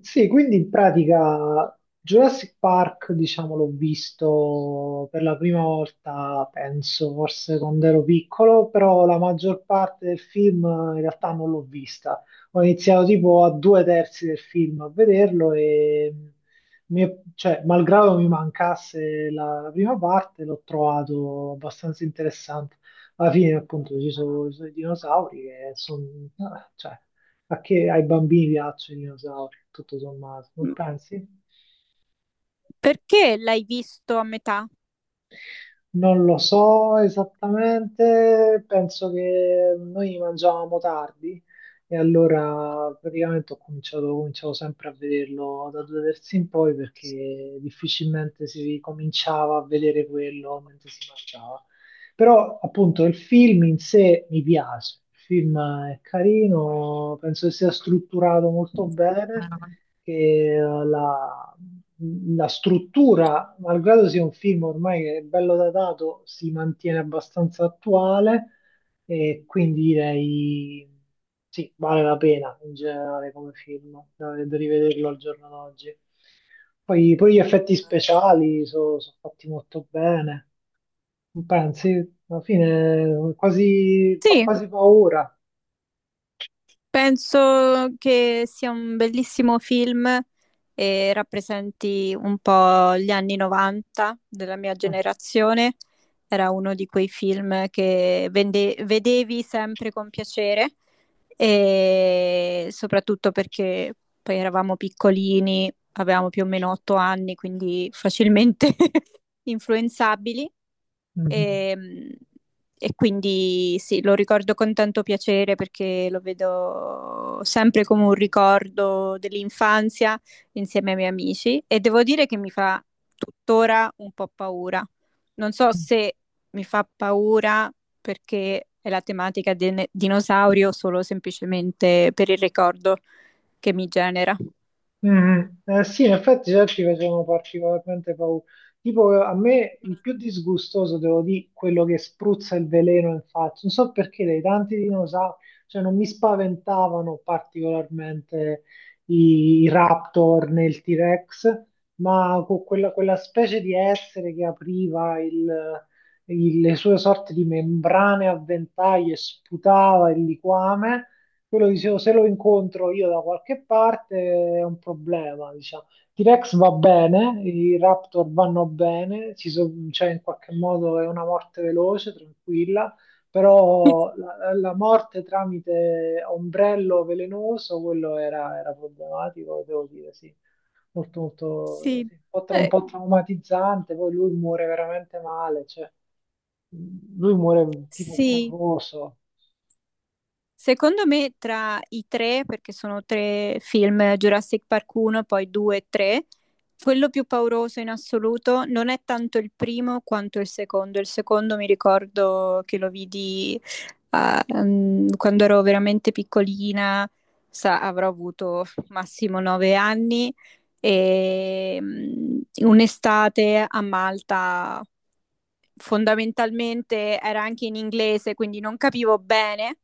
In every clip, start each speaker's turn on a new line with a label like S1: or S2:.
S1: Sì, quindi in pratica Jurassic Park, diciamo, l'ho visto per la prima volta, penso, forse quando ero piccolo, però la maggior parte del film in realtà non l'ho vista. Ho iniziato tipo a due terzi del film a vederlo e, cioè, malgrado mi mancasse la prima parte, l'ho trovato abbastanza interessante. Alla fine, appunto, ci sono i dinosauri che sono, cioè, a che ai bambini piacciono i dinosauri, tutto sommato, non
S2: M-
S1: pensi?
S2: Perché l'hai visto a metà?
S1: Non lo so esattamente, penso che noi mangiavamo tardi e allora praticamente cominciavo sempre a vederlo da due terzi in poi perché difficilmente si cominciava a vedere quello mentre si mangiava. Però appunto il film in sé mi piace, il film è carino, penso che sia strutturato molto bene, che la struttura, malgrado sia un film ormai che è bello datato, si mantiene abbastanza attuale, e quindi direi sì, vale la pena in generale come film, da rivederlo al giorno d'oggi. Poi gli effetti speciali sono fatti molto bene, non pensi? Alla fine quasi, fa
S2: Sì,
S1: quasi paura.
S2: penso che sia un bellissimo film e rappresenti un po' gli anni 90 della mia
S1: Mm.
S2: generazione. Era uno di quei film che vedevi sempre con piacere e soprattutto perché poi eravamo piccolini, avevamo più o meno 8 anni, quindi facilmente influenzabili.
S1: Mm.
S2: E, e quindi sì, lo ricordo con tanto piacere perché lo vedo sempre come un ricordo dell'infanzia insieme ai miei amici e devo dire che mi fa tuttora un po' paura. Non so se mi fa paura perché è la tematica del dinosaurio solo semplicemente per il ricordo che mi genera.
S1: Sì, in effetti già ci facevano particolarmente paura. Tipo, a me il più disgustoso, devo dire, quello che spruzza il veleno in faccia. Non so perché dei tanti dinosauri, cioè non mi spaventavano particolarmente i Raptor né il T-Rex, ma con quella specie di essere che apriva le sue sorte di membrane a ventaglio e sputava il liquame. Quello dicevo, se lo incontro io da qualche parte è un problema, diciamo. T-Rex va bene, i Raptor vanno bene, cioè in qualche modo è una morte veloce, tranquilla, però la morte tramite ombrello velenoso, quello era problematico, devo dire, sì. Molto,
S2: Sì,
S1: sì. Un
S2: eh,
S1: po' traumatizzante, poi lui muore veramente male, cioè, lui muore tipo
S2: sì.
S1: corroso.
S2: Secondo me tra i tre, perché sono tre film, Jurassic Park 1, poi 2 e 3, quello più pauroso in assoluto non è tanto il primo quanto il secondo. Il secondo mi ricordo che lo vidi quando ero veramente piccolina, avrò avuto massimo 9 anni, e un'estate a Malta fondamentalmente era anche in inglese, quindi non capivo bene,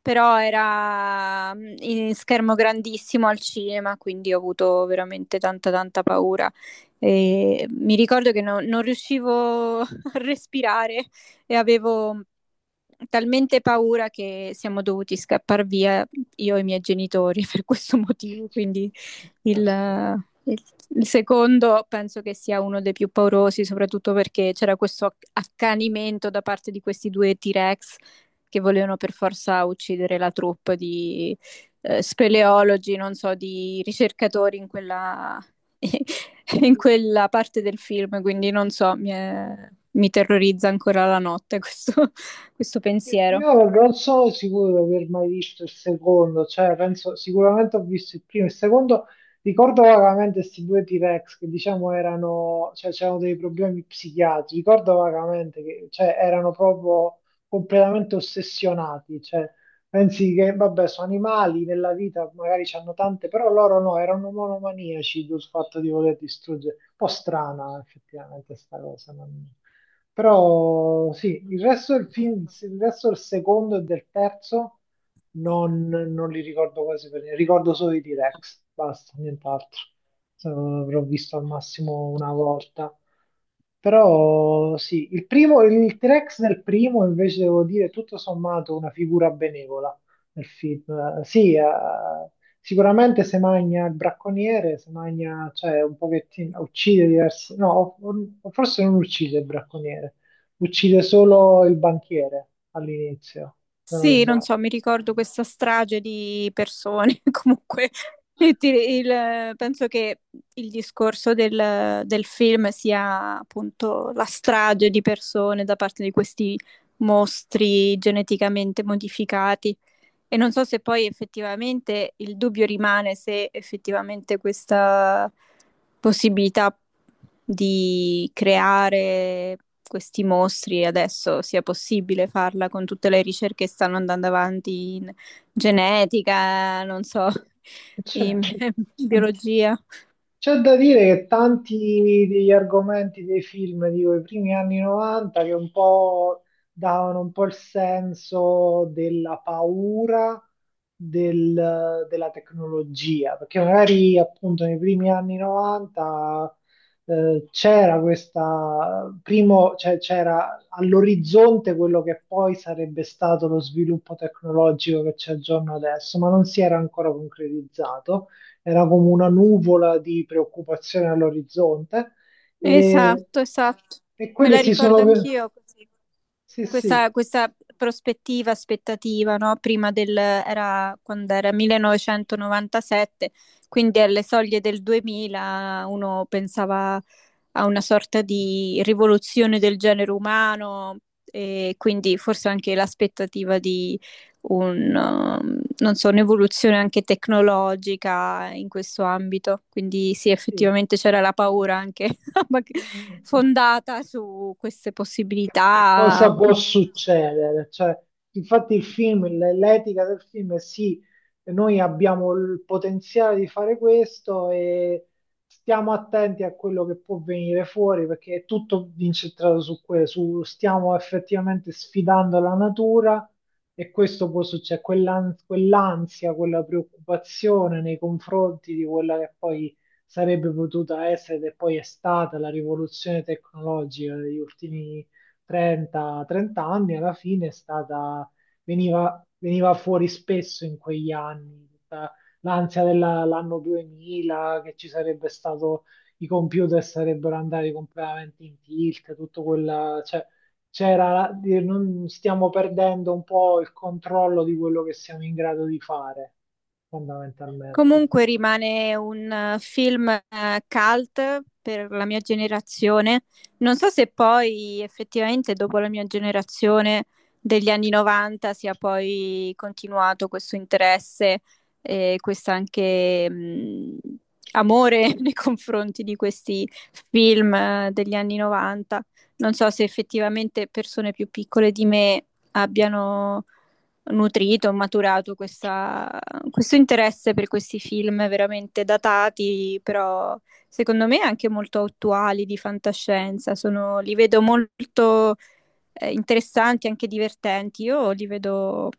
S2: però era in schermo grandissimo al cinema, quindi ho avuto veramente tanta tanta paura. E mi ricordo che non riuscivo a respirare e avevo talmente paura che siamo dovuti scappare via io e i miei genitori per questo motivo, quindi il,
S1: Caspita.
S2: il- il secondo penso che sia uno dei più paurosi, soprattutto perché c'era questo accanimento da parte di questi due T-Rex che volevano per forza uccidere la troupe di speleologi, non so, di ricercatori in quella, in quella parte del film, quindi non so, mi terrorizza ancora la notte questo pensiero.
S1: Io non sono sicuro di aver mai visto il secondo, cioè penso sicuramente ho visto il primo, il secondo ricordo vagamente questi due T-Rex che diciamo erano, cioè c'erano dei problemi psichiatrici, ricordo vagamente che cioè, erano proprio completamente ossessionati, cioè pensi che vabbè sono animali nella vita, magari hanno tante, però loro no, erano monomaniaci sul fatto di voler distruggere, un po' strana effettivamente sta cosa. Però sì, il resto del film, il resto del secondo e del terzo non li ricordo quasi per niente. Ricordo solo i T-Rex, basta, nient'altro. L'avrò visto al massimo una volta. Però sì, il primo, il T-Rex del primo invece devo dire tutto sommato una figura benevola nel film. Sì, sicuramente se magna il bracconiere, se magna, cioè un pochettino, uccide diversi, no, o forse non uccide il bracconiere, uccide solo il banchiere all'inizio, se non
S2: Sì, non
S1: sbaglio.
S2: so, mi ricordo questa strage di persone, comunque penso che il discorso del film sia appunto la strage di persone da parte di questi mostri geneticamente modificati. E non so se poi effettivamente il dubbio rimane se effettivamente questa possibilità di creare questi mostri adesso sia possibile farla con tutte le ricerche che stanno andando avanti in genetica, non so,
S1: Cioè,
S2: in biologia.
S1: c'è da dire che tanti degli argomenti dei film di quei primi anni 90 che un po' davano un po' il senso della paura della tecnologia, perché magari appunto nei primi anni 90 c'era questa, primo, cioè, c'era all'orizzonte quello che poi sarebbe stato lo sviluppo tecnologico che c'è al giorno adesso, ma non si era ancora concretizzato, era come una nuvola di preoccupazione all'orizzonte e,
S2: Esatto, esatto.
S1: e
S2: Me
S1: quelle
S2: la
S1: si
S2: ricordo
S1: sono...
S2: anch'io così.
S1: Sì,
S2: Questa prospettiva, aspettativa, no? Prima del, era quando era 1997, quindi alle soglie del 2000 uno pensava a una sorta di rivoluzione del genere umano e quindi forse anche l'aspettativa di non so, un'evoluzione anche tecnologica in questo ambito. Quindi sì,
S1: sì.
S2: effettivamente c'era la paura anche fondata su queste
S1: Che
S2: possibilità.
S1: cosa può succedere? Cioè, infatti il film, l'etica del film è sì, noi abbiamo il potenziale di fare questo e stiamo attenti a quello che può venire fuori perché è tutto incentrato su quello, su stiamo effettivamente sfidando la natura e questo può succedere, quell'ansia, quella preoccupazione nei confronti di quella che poi sarebbe potuta essere e poi è stata la rivoluzione tecnologica degli ultimi 30 anni, alla fine è stata, veniva fuori spesso in quegli anni, tutta l'ansia dell'anno 2000, che ci sarebbe stato, i computer sarebbero andati completamente in tilt, tutto quella, cioè, c'era, dire, non stiamo perdendo un po' il controllo di quello che siamo in grado di fare, fondamentalmente.
S2: Comunque rimane un film cult per la mia generazione. Non so se poi effettivamente dopo la mia generazione degli anni 90 sia poi continuato questo interesse e questo anche amore nei confronti di questi film degli anni 90. Non so se effettivamente persone più piccole di me abbiano nutrito, ho maturato questo interesse per questi film veramente datati, però secondo me anche molto attuali di fantascienza. Li vedo molto interessanti, anche divertenti. Io li vedo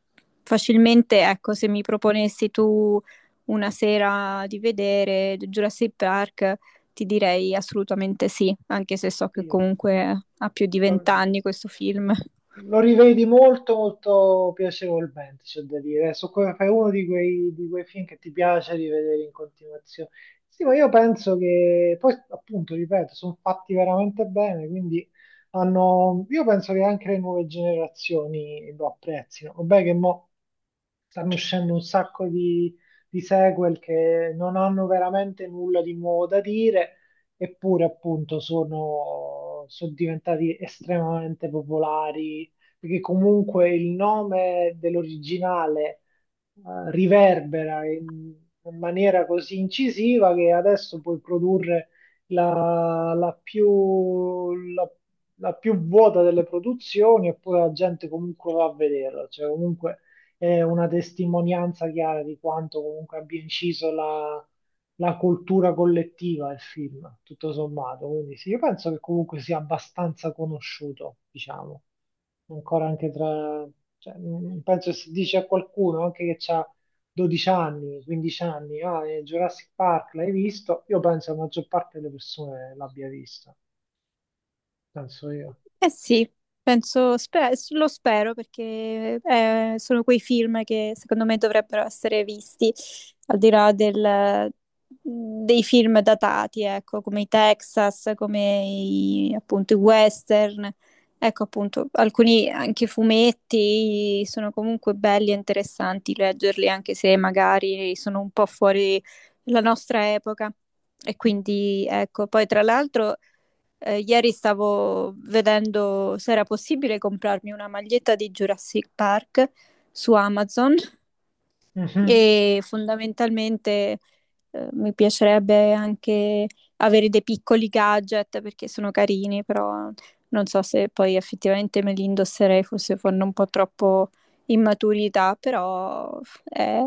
S2: facilmente, ecco, se mi proponessi tu una sera di vedere Jurassic Park. Ti direi assolutamente sì, anche se so che
S1: Sì.
S2: comunque ha più di vent'anni questo film.
S1: Lo rivedi molto, molto piacevolmente, c'è da dire. Adesso è uno di di quei film che ti piace rivedere in continuazione. Sì, ma io penso che poi, appunto, ripeto, sono fatti veramente bene, quindi hanno... io penso che anche le nuove generazioni lo apprezzino. Vabbè che mo stanno uscendo un sacco di sequel che non hanno veramente nulla di nuovo da dire, eppure appunto sono diventati estremamente popolari, perché comunque il nome dell'originale riverbera in, in maniera così incisiva che adesso puoi produrre la, la più vuota delle produzioni eppure la gente comunque va a vederla, cioè comunque è una testimonianza chiara di quanto comunque abbia inciso la cultura collettiva il film, tutto sommato. Quindi sì, io penso che comunque sia abbastanza conosciuto, diciamo ancora anche tra, cioè, mm, penso se dice a qualcuno anche che ha 12 anni, 15 anni, ah, Jurassic Park l'hai visto? Io penso la maggior parte delle persone l'abbia vista, penso io.
S2: Eh sì, penso, lo spero perché sono quei film che secondo me dovrebbero essere visti, al di là dei film datati, ecco, come i Texas, come i, appunto i western, ecco appunto alcuni anche fumetti sono comunque belli e interessanti leggerli anche se magari sono un po' fuori la nostra epoca. E quindi ecco, poi tra l'altro... Ieri stavo vedendo se era possibile comprarmi una maglietta di Jurassic Park su Amazon
S1: Mhm.
S2: e fondamentalmente mi piacerebbe anche avere dei piccoli gadget perché sono carini, però non so se poi effettivamente me li indosserei, forse fanno un po' troppo immaturità, però è,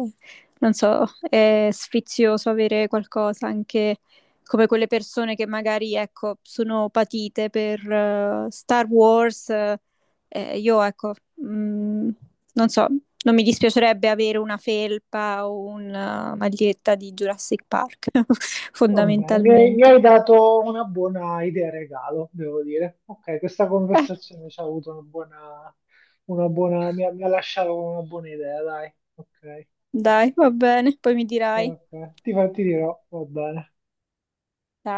S2: non so, è sfizioso avere qualcosa anche come quelle persone che magari, ecco, sono patite per Star Wars. Io, ecco, mm, non so, non mi dispiacerebbe avere una felpa o una maglietta di Jurassic Park,
S1: Vabbè, mi
S2: fondamentalmente.
S1: hai dato una buona idea regalo, devo dire. Ok, questa conversazione ci ha avuto una buona, mi ha lasciato con una buona idea, dai. Ok,
S2: Dai, va bene, poi mi dirai.
S1: ok, ti dirò, va bene.
S2: Ciao.